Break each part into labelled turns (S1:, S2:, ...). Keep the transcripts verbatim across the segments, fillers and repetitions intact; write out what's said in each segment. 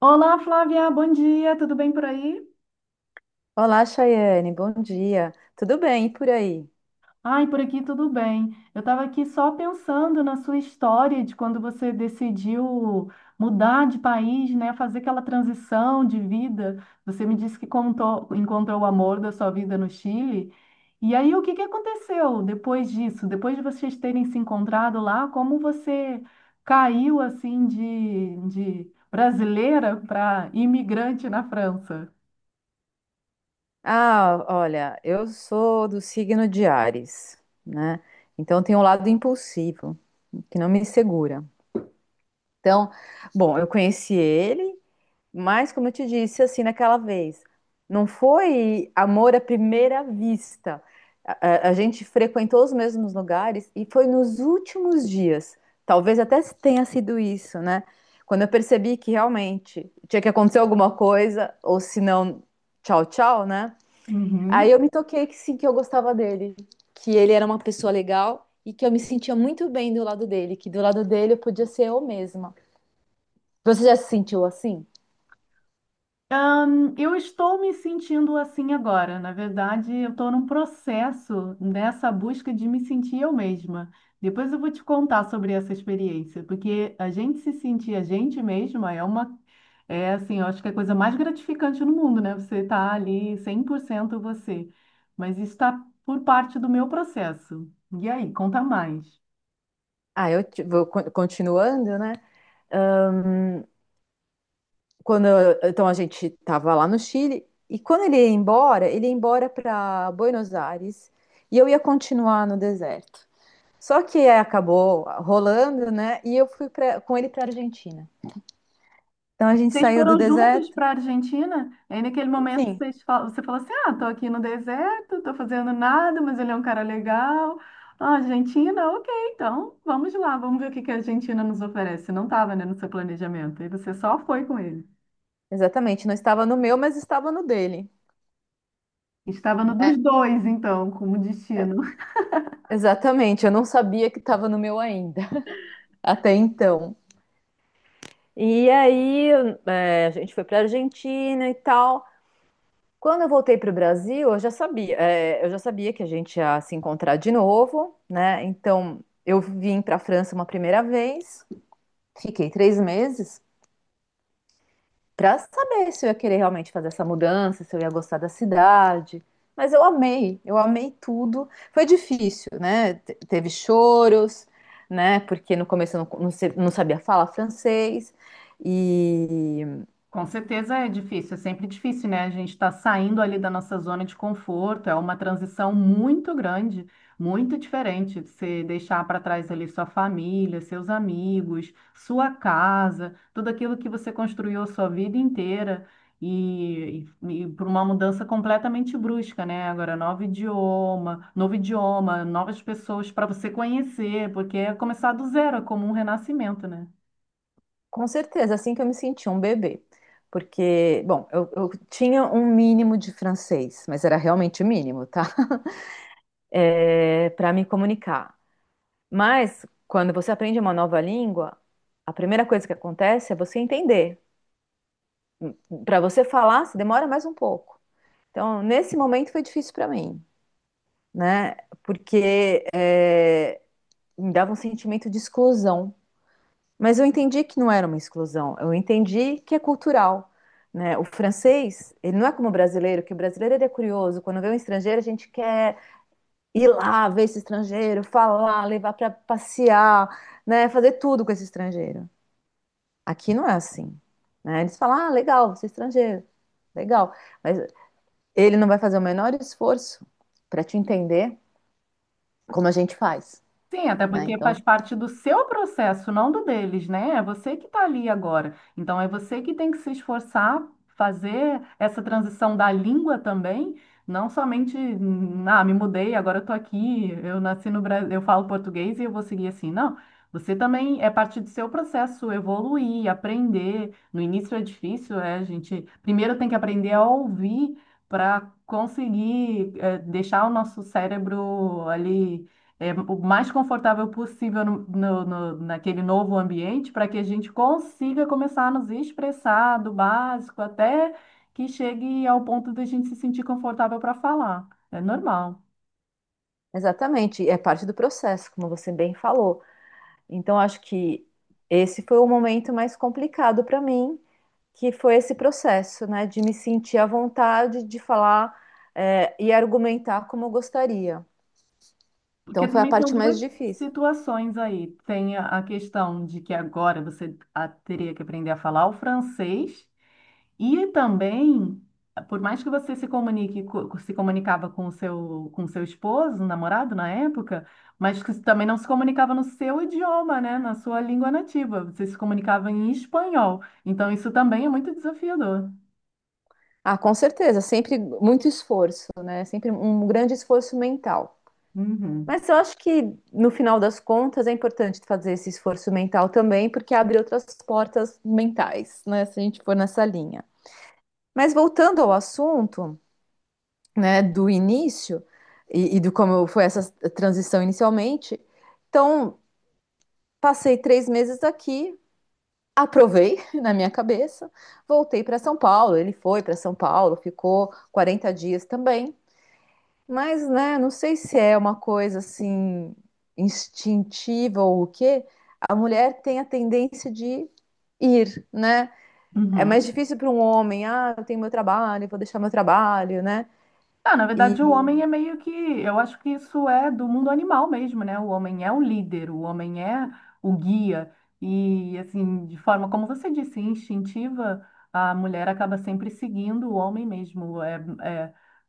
S1: Olá, Flávia, bom dia, tudo bem por aí?
S2: Olá, Chayane, bom dia. Tudo bem e por aí?
S1: Ai, por aqui tudo bem. Eu estava aqui só pensando na sua história de quando você decidiu mudar de país, né, fazer aquela transição de vida. Você me disse que contou- encontrou o amor da sua vida no Chile. E aí, o que que aconteceu depois disso? Depois de vocês terem se encontrado lá, como você caiu assim de, de brasileira para imigrante na França?
S2: Ah, olha, eu sou do signo de Áries, né? Então tem um lado impulsivo que não me segura. Então, bom, eu conheci ele, mas, como eu te disse, assim, naquela vez, não foi amor à primeira vista. A, a- a gente frequentou os mesmos lugares e foi nos últimos dias. Talvez até tenha sido isso, né? Quando eu percebi que realmente tinha que acontecer alguma coisa, ou se não, tchau, tchau, né? Aí eu
S1: Uhum.
S2: me toquei que sim, que eu gostava dele, que ele era uma pessoa legal e que eu me sentia muito bem do lado dele, que do lado dele eu podia ser eu mesma. Você já se sentiu assim?
S1: Ahn, eu estou me sentindo assim agora. Na verdade, eu estou num processo nessa busca de me sentir eu mesma. Depois eu vou te contar sobre essa experiência, porque a gente se sentir a gente mesma é uma, é assim, eu acho que é a coisa mais gratificante no mundo, né? Você tá ali cem por cento você. Mas isso está por parte do meu processo. E aí, conta mais.
S2: Ah, eu te- vou con- continuando, né? Ahn, quando eu- então a gente estava lá no Chile e quando ele ia embora, ele ia embora para Buenos Aires e eu ia continuar no deserto. Só que é, acabou rolando, né? E eu fui pra- com ele para Argentina. Então a gente
S1: Vocês
S2: saiu do
S1: foram juntos
S2: deserto.
S1: para a Argentina? Aí naquele momento
S2: Sim,
S1: vocês falam, você fala assim: ah, tô aqui no deserto, tô fazendo nada, mas ele é um cara legal. Ah, Argentina, ok, então vamos lá, vamos ver o que que a Argentina nos oferece. Não estava, né, no seu planejamento. E você só foi com ele.
S2: exatamente. Não estava no meu, mas estava no dele.
S1: Estava no dos dois, então, como destino.
S2: Exatamente. Eu não sabia que estava no meu ainda até então. E aí, eh, a gente foi para Argentina e tal. Quando eu voltei para o Brasil, eu já sabia, é, eu já sabia que a gente ia se encontrar de novo, né? Então, eu vim para a França uma primeira vez, fiquei três meses para saber se eu ia querer realmente fazer essa mudança, se eu ia gostar da cidade. Mas eu amei, eu amei tudo. Foi difícil, né? Te- Teve choros, né? Porque no começo eu não, não se- não sabia falar francês.
S1: Com certeza é difícil, é sempre difícil, né? A gente está saindo ali da nossa zona de conforto, é uma transição muito grande, muito diferente. Você deixar para trás ali sua família, seus amigos, sua casa, tudo aquilo que você construiu a sua vida inteira e, e, por uma mudança completamente brusca, né? Agora, novo idioma, novo idioma, novas pessoas para você conhecer, porque é começar do zero, é como um renascimento, né?
S2: Com certeza, assim que eu me senti um bebê. Porque, bom, eu, eu tinha um mínimo de francês, mas era realmente mínimo, tá? É, para me comunicar. Mas, quando você aprende uma nova língua, a primeira coisa que acontece é você entender. Para você falar, se demora mais um pouco. Então, nesse momento foi difícil para mim, né? Porque me dava um sentimento de exclusão. Mas eu entendi que não era uma exclusão, eu entendi que é cultural, né? O francês, ele não é como o brasileiro, que o brasileiro ele é curioso, quando vê um estrangeiro, a gente quer ir lá, ver esse estrangeiro, falar, levar para passear, né, fazer tudo com esse estrangeiro. Aqui não é assim, né? Eles falam: "Ah, legal, você é estrangeiro". Legal, mas ele não vai fazer o menor esforço para te entender como a gente faz,
S1: Sim, até
S2: né?
S1: porque faz
S2: Então,
S1: parte do seu processo, não do deles, né? É você que está ali agora. Então, é você que tem que se esforçar, fazer essa transição da língua também, não somente, hum, ah, me mudei, agora eu estou aqui, eu nasci no Brasil, eu falo português e eu vou seguir assim. Não, você também é parte do seu processo evoluir, aprender. No início é difícil, é, a gente primeiro tem que aprender a ouvir para conseguir, eh, deixar o nosso cérebro ali é, o mais confortável possível no, no- no- naquele novo ambiente para que a gente consiga começar a nos expressar do básico até que chegue ao ponto de a gente se sentir confortável para falar. É normal.
S2: exatamente, é parte do processo, como você bem falou. Então, acho que esse foi o momento mais complicado para mim, que foi esse processo, né, de me sentir à vontade de falar, é, e argumentar como eu gostaria.
S1: Porque
S2: Então, foi a
S1: também são
S2: parte mais
S1: duas
S2: difícil.
S1: situações aí. Tem a a questão de que agora você ah, teria que aprender a falar o francês. E também, por mais que você se comunique, co- se comunicava com o seu, com o seu esposo, namorado na época, mas que também não se comunicava no seu idioma, né? Na sua língua nativa. Você se comunicava em espanhol. Então, isso também é muito desafiador.
S2: Ah, com certeza, sempre muito esforço, né? Sempre um grande esforço mental.
S1: Uhum.
S2: Mas eu acho que no final das contas é importante fazer esse esforço mental também, porque abre outras portas mentais, né? Se a gente for nessa linha. Mas voltando ao assunto, né, do início e, e do como foi essa transição inicialmente. Então, passei três meses aqui, aprovei na minha cabeça, voltei para São Paulo. Ele foi para São Paulo, ficou quarenta dias também. Mas, né, não sei se é uma coisa assim instintiva ou o quê, a mulher tem a tendência de ir, né? É mais
S1: Uhum.
S2: difícil para um homem, ah, eu tenho meu trabalho, vou deixar meu trabalho, né?
S1: Ah, na verdade, o
S2: E
S1: homem é meio que. Eu acho que isso é do mundo animal mesmo, né? O homem é o líder, o homem é o guia. E, assim, de forma, como você disse, instintiva, a mulher acaba sempre seguindo o homem mesmo. É,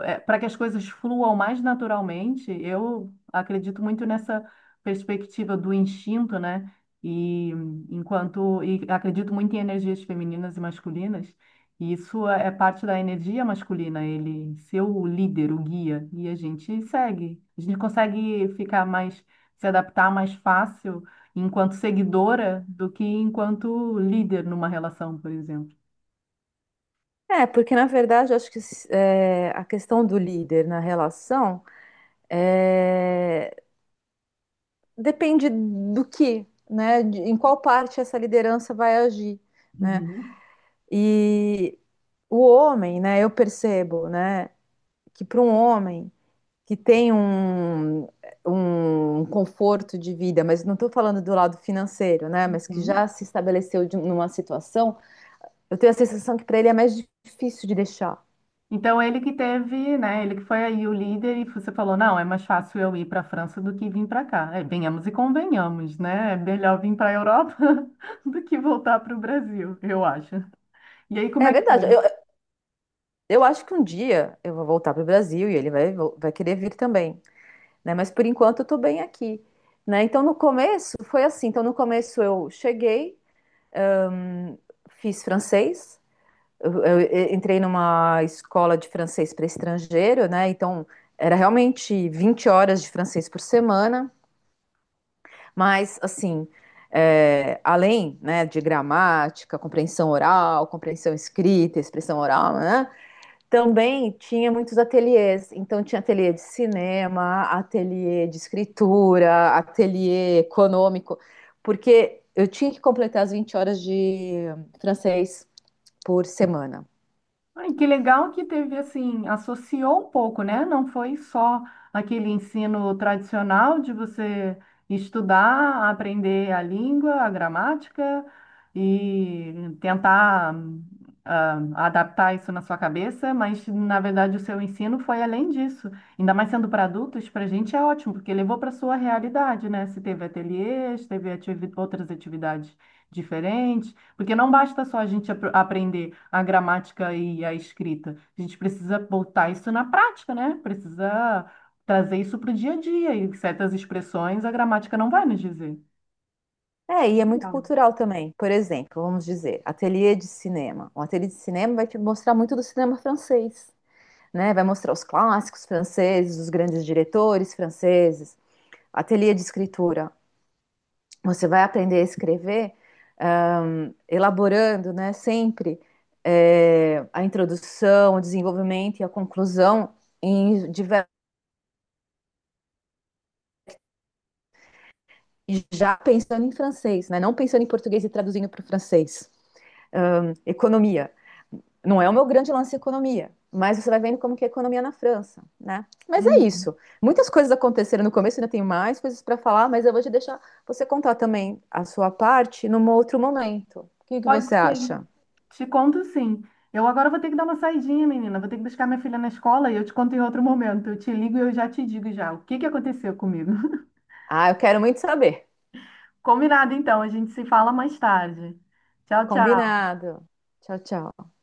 S1: é, para que as coisas fluam mais naturalmente, eu acredito muito nessa perspectiva do instinto, né? E enquanto. E acredito muito em energias femininas e masculinas. E isso é é parte da energia masculina, ele ser o líder, o guia, e a gente segue. A gente consegue ficar mais, se adaptar mais fácil enquanto seguidora do que enquanto líder numa relação, por exemplo.
S2: É, porque na verdade eu acho que é, a questão do líder na relação é, depende do que, né? de- em qual parte essa liderança vai agir, né?
S1: Uhum,
S2: E o homem, né? Eu percebo, né? Que para um homem que tem um, um conforto de vida, mas não estou falando do lado financeiro, né? Mas que
S1: uhum.
S2: já se estabeleceu de- numa situação, eu tenho a sensação que para ele é mais difícil de deixar.
S1: Então ele que teve, né? Ele que foi aí o líder e você falou, não, é mais fácil eu ir para a França do que vir para cá. É, venhamos e convenhamos, né? É melhor vir para a Europa do que voltar para o Brasil, eu acho. E aí como
S2: É
S1: é que foi?
S2: verdade. Eu, Eu acho que um dia eu vou voltar para o Brasil e ele vai, vo- vai querer vir também, né? Mas por enquanto eu tô bem aqui, né? Então no começo foi assim. Então no começo eu cheguei, hum, fiz francês, eu, eu e- entrei numa escola de francês para estrangeiro, né? Então era realmente vinte horas de francês por semana, mas assim, é, além, né, de gramática, compreensão oral, compreensão escrita, expressão oral, né? Também tinha muitos ateliês, então tinha ateliê de cinema, ateliê de escritura, ateliê econômico, porque eu tinha que completar as vinte horas de francês por semana.
S1: Ai, que legal que teve assim, associou um pouco, né? Não foi só aquele ensino tradicional de você estudar, aprender a língua, a gramática e tentar ah, adaptar isso na sua cabeça, mas na verdade o seu ensino foi além disso. Ainda mais sendo para adultos, para a gente é ótimo, porque levou para a sua realidade, né? Se teve ateliês, teve ativi- outras atividades diferentes. Porque não basta só a gente apr- aprender a gramática e a escrita. A gente precisa botar isso na prática, né? Precisa trazer isso para o dia a dia. E certas expressões a gramática não vai nos dizer.
S2: É, e é muito
S1: Legal.
S2: cultural também. Por exemplo, vamos dizer, ateliê de cinema. Um ateliê de cinema vai te mostrar muito do cinema francês, né? Vai mostrar os clássicos franceses, os grandes diretores franceses. Ateliê de escritura. Você vai aprender a escrever, ahn, elaborando, né, sempre é, a introdução, o desenvolvimento e a conclusão em diver- já pensando em francês, né? Não pensando em português e traduzindo para o francês. Ahn, economia. Não é o meu grande lance economia, mas você vai vendo como que é a economia na França, né? Mas é isso.
S1: Uhum.
S2: Muitas coisas aconteceram no começo, ainda tem mais coisas para falar, mas eu vou te deixar você contar também a sua parte num outro momento. O que que
S1: Pode
S2: você
S1: ser.
S2: acha?
S1: Te conto sim. Eu agora vou ter que dar uma saidinha, menina. Vou ter que buscar minha filha na escola e eu te conto em outro momento. Eu te ligo e eu já te digo já o que que aconteceu comigo.
S2: Ah, eu quero muito saber.
S1: Combinado, então. A gente se fala mais tarde. Tchau, tchau.
S2: Combinado. Tchau, tchau.